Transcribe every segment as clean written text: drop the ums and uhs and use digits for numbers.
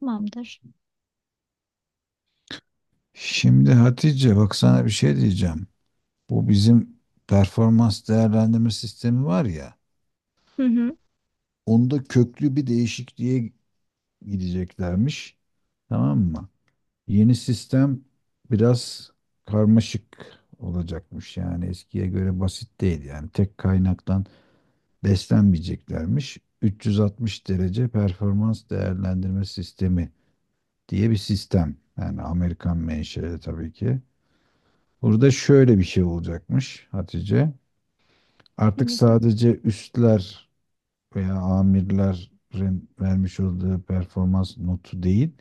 Tamamdır. Şimdi Hatice bak sana bir şey diyeceğim. Bu bizim performans değerlendirme sistemi var ya. Hı hı. Onda köklü bir değişikliğe gideceklermiş. Tamam mı? Yeni sistem biraz karmaşık olacakmış. Yani eskiye göre basit değil. Yani tek kaynaktan beslenmeyeceklermiş. 360 derece performans değerlendirme sistemi diye bir sistem. Yani Amerikan menşeli tabii ki. Burada şöyle bir şey olacakmış Hatice. Artık Evet. sadece üstler veya amirlerin vermiş olduğu performans notu değil,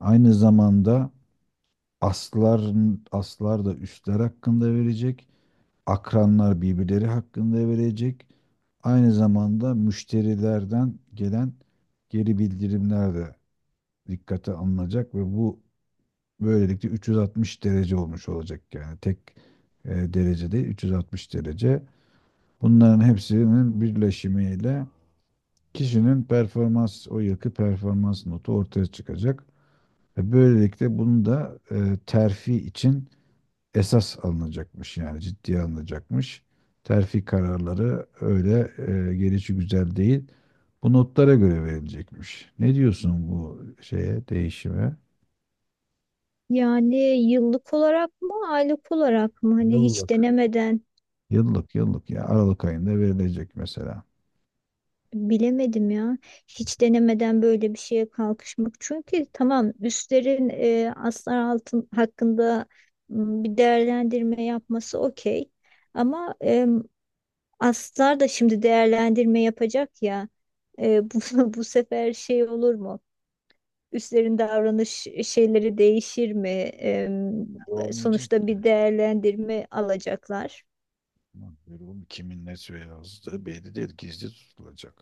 aynı zamanda aslar, aslar da üstler hakkında verecek, akranlar birbirleri hakkında verecek. Aynı zamanda müşterilerden gelen geri bildirimler de dikkate alınacak ve bu böylelikle 360 derece olmuş olacak, yani tek derece değil 360 derece. Bunların hepsinin birleşimiyle kişinin performans, o yılki performans notu ortaya çıkacak. Ve böylelikle bunu da terfi için esas alınacakmış, yani ciddiye alınacakmış. Terfi kararları öyle gelişi güzel değil. Bu notlara göre verilecekmiş. Ne diyorsun bu şeye, değişime? Yani yıllık olarak mı, aylık olarak mı? Hani hiç Yıllık. denemeden Yıllık yıllık ya Aralık ayında verilecek mesela. bilemedim ya. Hiç denemeden böyle bir şeye kalkışmak. Çünkü tamam üstlerin aslar altın hakkında bir değerlendirme yapması okey. Ama aslar da şimdi değerlendirme yapacak ya. Bu sefer şey olur mu? Üstlerin davranış şeyleri değişir mi? Olmayacak Sonuçta bir değerlendirme alacaklar. mı? Böyle olmuyor. Kimin ne yazdığı belli değil. Gizli tutulacak.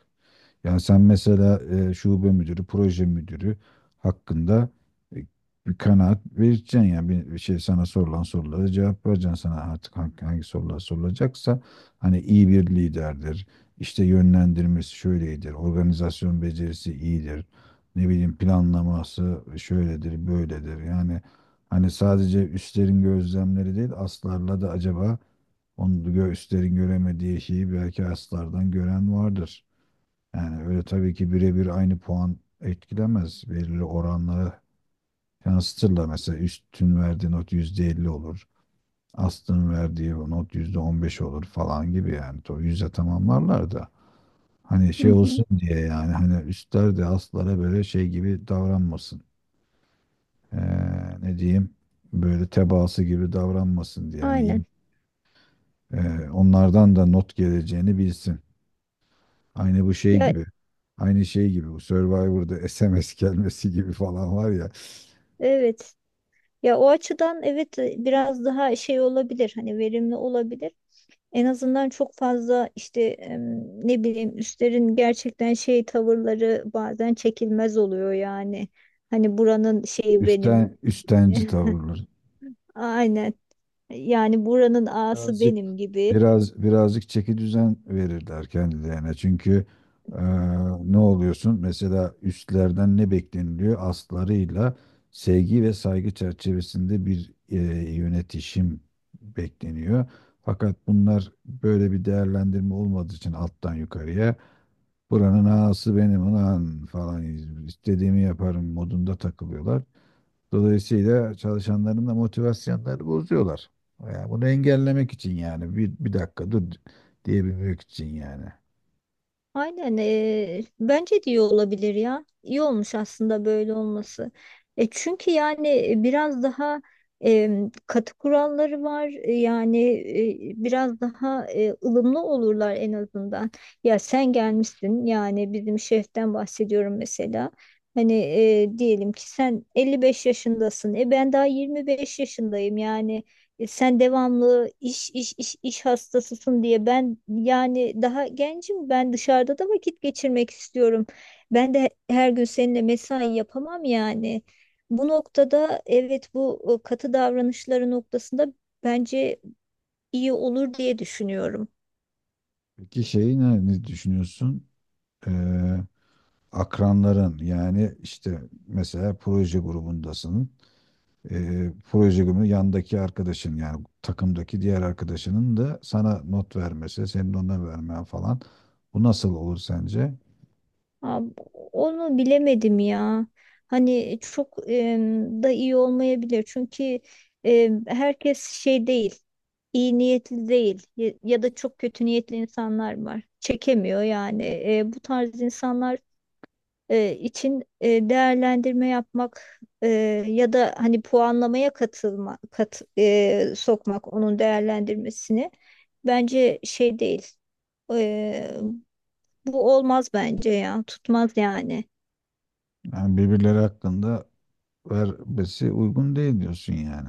Yani sen mesela şube müdürü, proje müdürü hakkında e, bir kanaat vereceksin, yani bir şey, sana sorulan sorulara cevap vereceksin. Sana artık hangi sorular sorulacaksa hani iyi bir liderdir, işte yönlendirmesi şöyledir, organizasyon becerisi iyidir, ne bileyim planlaması şöyledir, böyledir. Yani hani sadece üstlerin gözlemleri değil, aslarla da acaba üstlerin göremediği şeyi belki aslardan gören vardır. Yani öyle tabii ki birebir aynı puan etkilemez. Belirli oranlara yansıtırlar. Mesela üstün verdiği not %50 olur. Astın verdiği not %15 olur falan gibi yani. O yüzde tamamlarlar da. Hani Hı şey hı, olsun diye, yani hani üstler de astlara böyle şey gibi davranmasın. Ee, ne diyeyim, böyle tebaası gibi davranmasın diye. Yani aynen. Onlardan da not geleceğini bilsin. Aynı bu şey Ya gibi. Aynı şey gibi bu Survivor'da SMS gelmesi gibi falan var ya. evet. Ya o açıdan evet biraz daha şey olabilir. Hani verimli olabilir. En azından çok fazla işte ne bileyim üstlerin gerçekten şey tavırları bazen çekilmez oluyor yani. Hani buranın şeyi benim. Üstten üstenci tavırlar. Aynen. Yani buranın ağası Birazcık benim gibi. birazcık çeki düzen verirler kendilerine. Çünkü e, ne oluyorsun? Mesela üstlerden ne bekleniliyor? Aslarıyla sevgi ve saygı çerçevesinde bir yönetişim bekleniyor. Fakat bunlar böyle bir değerlendirme olmadığı için alttan yukarıya buranın ağası benim ulan falan istediğimi yaparım modunda takılıyorlar. Dolayısıyla çalışanların da motivasyonları bozuyorlar. Yani bunu engellemek için, yani bir dakika dur diyebilmek için yani. Aynen, bence de iyi olabilir ya. İyi olmuş aslında böyle olması. Çünkü yani biraz daha katı kuralları var. Yani biraz daha ılımlı olurlar en azından. Ya sen gelmişsin yani bizim şeften bahsediyorum mesela. Hani diyelim ki sen 55 yaşındasın. E ben daha 25 yaşındayım yani. Sen devamlı iş hastasısın diye ben yani daha gencim, ben dışarıda da vakit geçirmek istiyorum. Ben de her gün seninle mesai yapamam yani. Bu noktada evet bu katı davranışları noktasında bence iyi olur diye düşünüyorum. Peki şeyi ne düşünüyorsun? Ee, akranların, yani işte mesela proje grubundasın. Proje günü yandaki arkadaşın, yani takımdaki diğer arkadaşının da sana not vermesi, senin ona vermen falan. Bu nasıl olur sence? Ha, onu bilemedim ya. Hani çok da iyi olmayabilir. Çünkü herkes şey değil, iyi niyetli değil ya, ya da çok kötü niyetli insanlar var. Çekemiyor yani. Bu tarz insanlar için değerlendirme yapmak ya da hani puanlamaya katılma, sokmak onun değerlendirmesini bence şey değil. E, bu olmaz bence ya. Tutmaz yani. Yani birbirleri hakkında vermesi uygun değil diyorsun yani.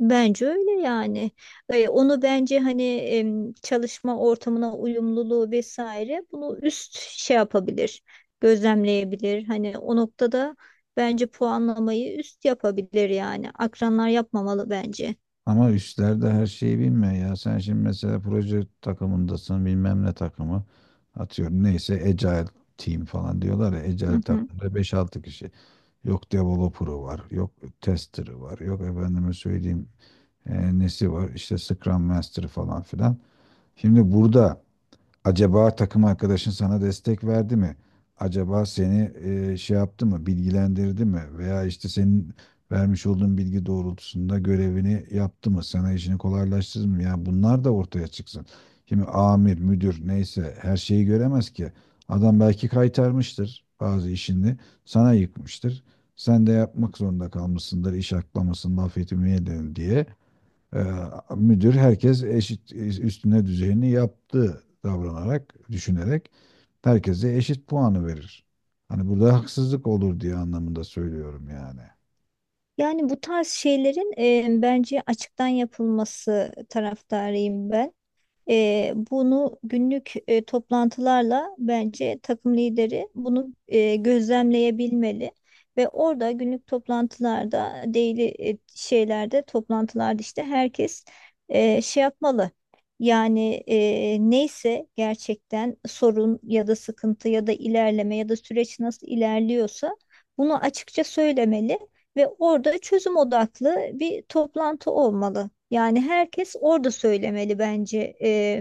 Bence öyle yani. Onu bence hani çalışma ortamına uyumluluğu vesaire bunu üst şey yapabilir, gözlemleyebilir. Hani o noktada bence puanlamayı üst yapabilir yani. Akranlar yapmamalı bence. Ama üstler de her şeyi bilmiyor ya. Sen şimdi mesela proje takımındasın, bilmem ne takımı. Atıyorum neyse Agile team falan diyorlar ya. Agile Hı hı. takımda beş altı kişi. Yok developer'ı var. Yok tester'ı var. Yok efendime söyleyeyim nesi var. İşte Scrum Master falan filan. Şimdi burada acaba takım arkadaşın sana destek verdi mi? Acaba seni şey yaptı mı, bilgilendirdi mi? Veya işte senin vermiş olduğun bilgi doğrultusunda görevini yaptı mı? Sana işini kolaylaştırdı mı? Yani bunlar da ortaya çıksın. Şimdi amir, müdür neyse her şeyi göremez ki. Adam belki kaytarmıştır bazı işini, sana yıkmıştır. Sen de yapmak zorunda kalmışsındır, iş aklamasın, laf etmeyelim diye. Ee, müdür, herkes eşit üstüne düzeyini yaptı davranarak, düşünerek herkese eşit puanı verir. Hani burada haksızlık olur diye anlamında söylüyorum yani. Yani bu tarz şeylerin bence açıktan yapılması taraftarıyım ben. Bunu günlük toplantılarla bence takım lideri bunu gözlemleyebilmeli ve orada günlük toplantılarda daily şeylerde toplantılarda işte herkes şey yapmalı. Yani neyse gerçekten sorun ya da sıkıntı ya da ilerleme ya da süreç nasıl ilerliyorsa bunu açıkça söylemeli ve orada çözüm odaklı bir toplantı olmalı. Yani herkes orada söylemeli bence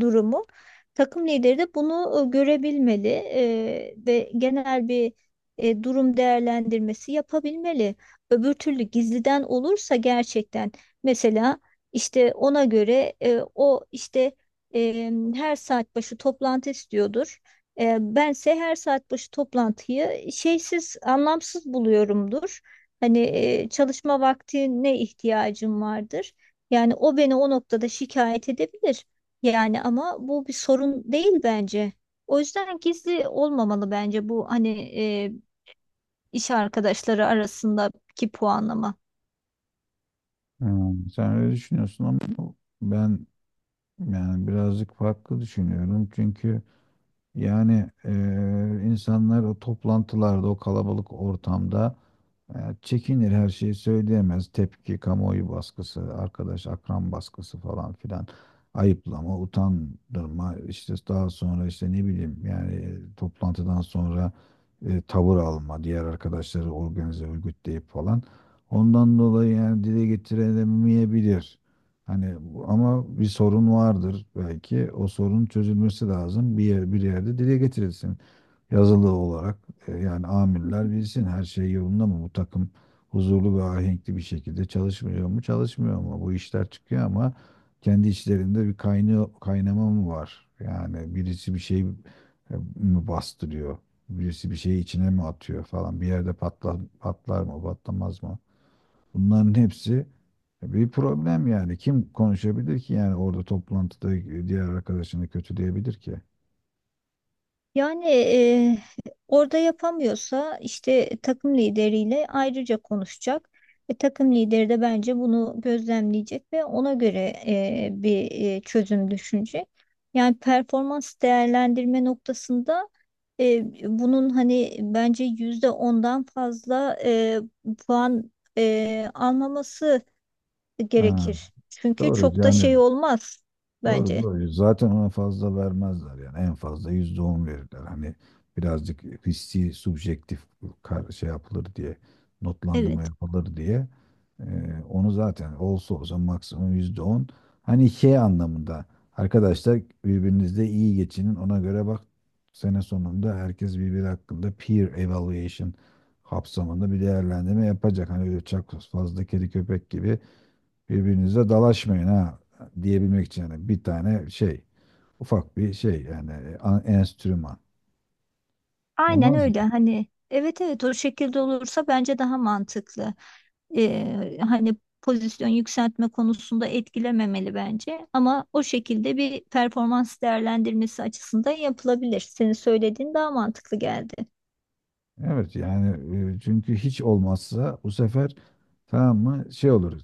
durumu. Takım lideri de bunu görebilmeli ve genel bir durum değerlendirmesi yapabilmeli. Öbür türlü gizliden olursa gerçekten mesela işte ona göre o işte her saat başı toplantı istiyordur. Bense her saat başı toplantıyı şeysiz, anlamsız buluyorumdur. Hani çalışma vaktine ihtiyacım vardır. Yani o beni o noktada şikayet edebilir. Yani ama bu bir sorun değil bence. O yüzden gizli olmamalı bence bu hani e, iş arkadaşları arasındaki puanlama. Sen öyle düşünüyorsun ama ben yani birazcık farklı düşünüyorum. Çünkü yani insanlar o toplantılarda, o kalabalık ortamda yani çekinir, her şeyi söyleyemez. Tepki, kamuoyu baskısı, arkadaş, akran baskısı falan filan. Ayıplama, utandırma, işte daha sonra işte ne bileyim yani toplantıdan sonra tavır alma, diğer arkadaşları organize, örgütleyip falan. Ondan dolayı yani dile getiremeyebilir. Hani ama bir sorun vardır belki. O sorun çözülmesi lazım. Bir yerde dile getirilsin, yazılı olarak. Yani amirler bilsin her şey yolunda mı, bu takım huzurlu ve ahenkli bir şekilde çalışmıyor mu çalışmıyor mu, bu işler çıkıyor ama kendi içlerinde bir kaynıyor, kaynama mı var, yani birisi bir şey mi bastırıyor, birisi bir şeyi içine mi atıyor falan, bir yerde patlar, patlar mı patlamaz mı, bunların hepsi bir problem. Yani kim konuşabilir ki, yani orada toplantıda diğer arkadaşını kötüleyebilir ki? Yani, orada yapamıyorsa işte takım lideriyle ayrıca konuşacak. Ve takım lideri de bence bunu gözlemleyecek ve ona göre bir çözüm düşünecek. Yani performans değerlendirme noktasında bunun hani bence %10'dan fazla puan almaması Ha, gerekir. Çünkü doğru çok da yani. şey olmaz Doğru bence. doğru. Zaten ona fazla vermezler yani. En fazla %10 verirler. Hani birazcık hissi, subjektif şey yapılır diye, notlandırma Evet. yapılır diye. Onu zaten olsa olsa maksimum %10. Hani şey anlamında arkadaşlar birbirinizle iyi geçinin. Ona göre bak, sene sonunda herkes birbiri hakkında peer evaluation kapsamında bir değerlendirme yapacak. Hani öyle çok fazla kedi köpek gibi birbirinize dalaşmayın ha diyebilmek için, yani bir tane şey, ufak bir şey, yani enstrüman. Aynen Olmaz mı? öyle, hani evet evet o şekilde olursa bence daha mantıklı. Hani pozisyon yükseltme konusunda etkilememeli bence, ama o şekilde bir performans değerlendirmesi açısından yapılabilir. Senin söylediğin daha mantıklı geldi. Evet yani çünkü hiç olmazsa bu sefer tamam mı şey olur,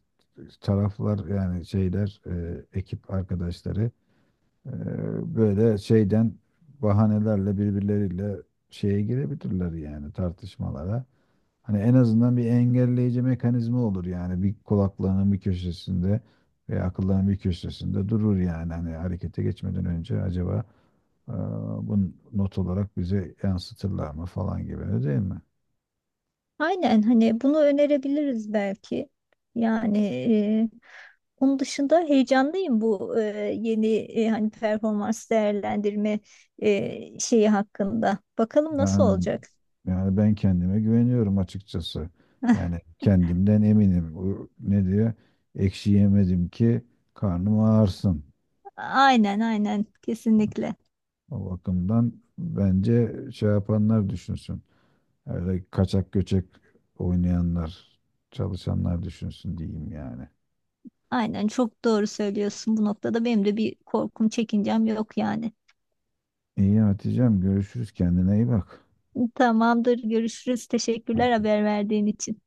taraflar yani şeyler, ekip arkadaşları e, böyle şeyden bahanelerle birbirleriyle şeye girebilirler yani tartışmalara. Hani en azından bir engelleyici mekanizma olur, yani bir kulaklarının bir köşesinde veya akıllarının bir köşesinde durur. Yani hani harekete geçmeden önce acaba e, bunu not olarak bize yansıtırlar mı falan gibi, öyle değil mi? Aynen, hani bunu önerebiliriz belki. Yani onun dışında heyecanlıyım bu yeni hani performans değerlendirme şeyi hakkında. Bakalım nasıl Yani olacak. yani ben kendime güveniyorum açıkçası. Yani kendimden eminim. O ne diyor? Ekşi yemedim ki karnım ağırsın. Aynen aynen, kesinlikle. O bakımdan bence şey yapanlar düşünsün. Öyle kaçak göçek oynayanlar, çalışanlar düşünsün diyeyim yani. Aynen, çok doğru söylüyorsun bu noktada. Benim de bir korkum, çekincem yok yani. İyi Hatice'm, görüşürüz, kendine iyi bak. Tamamdır, görüşürüz. Teşekkürler haber verdiğin için.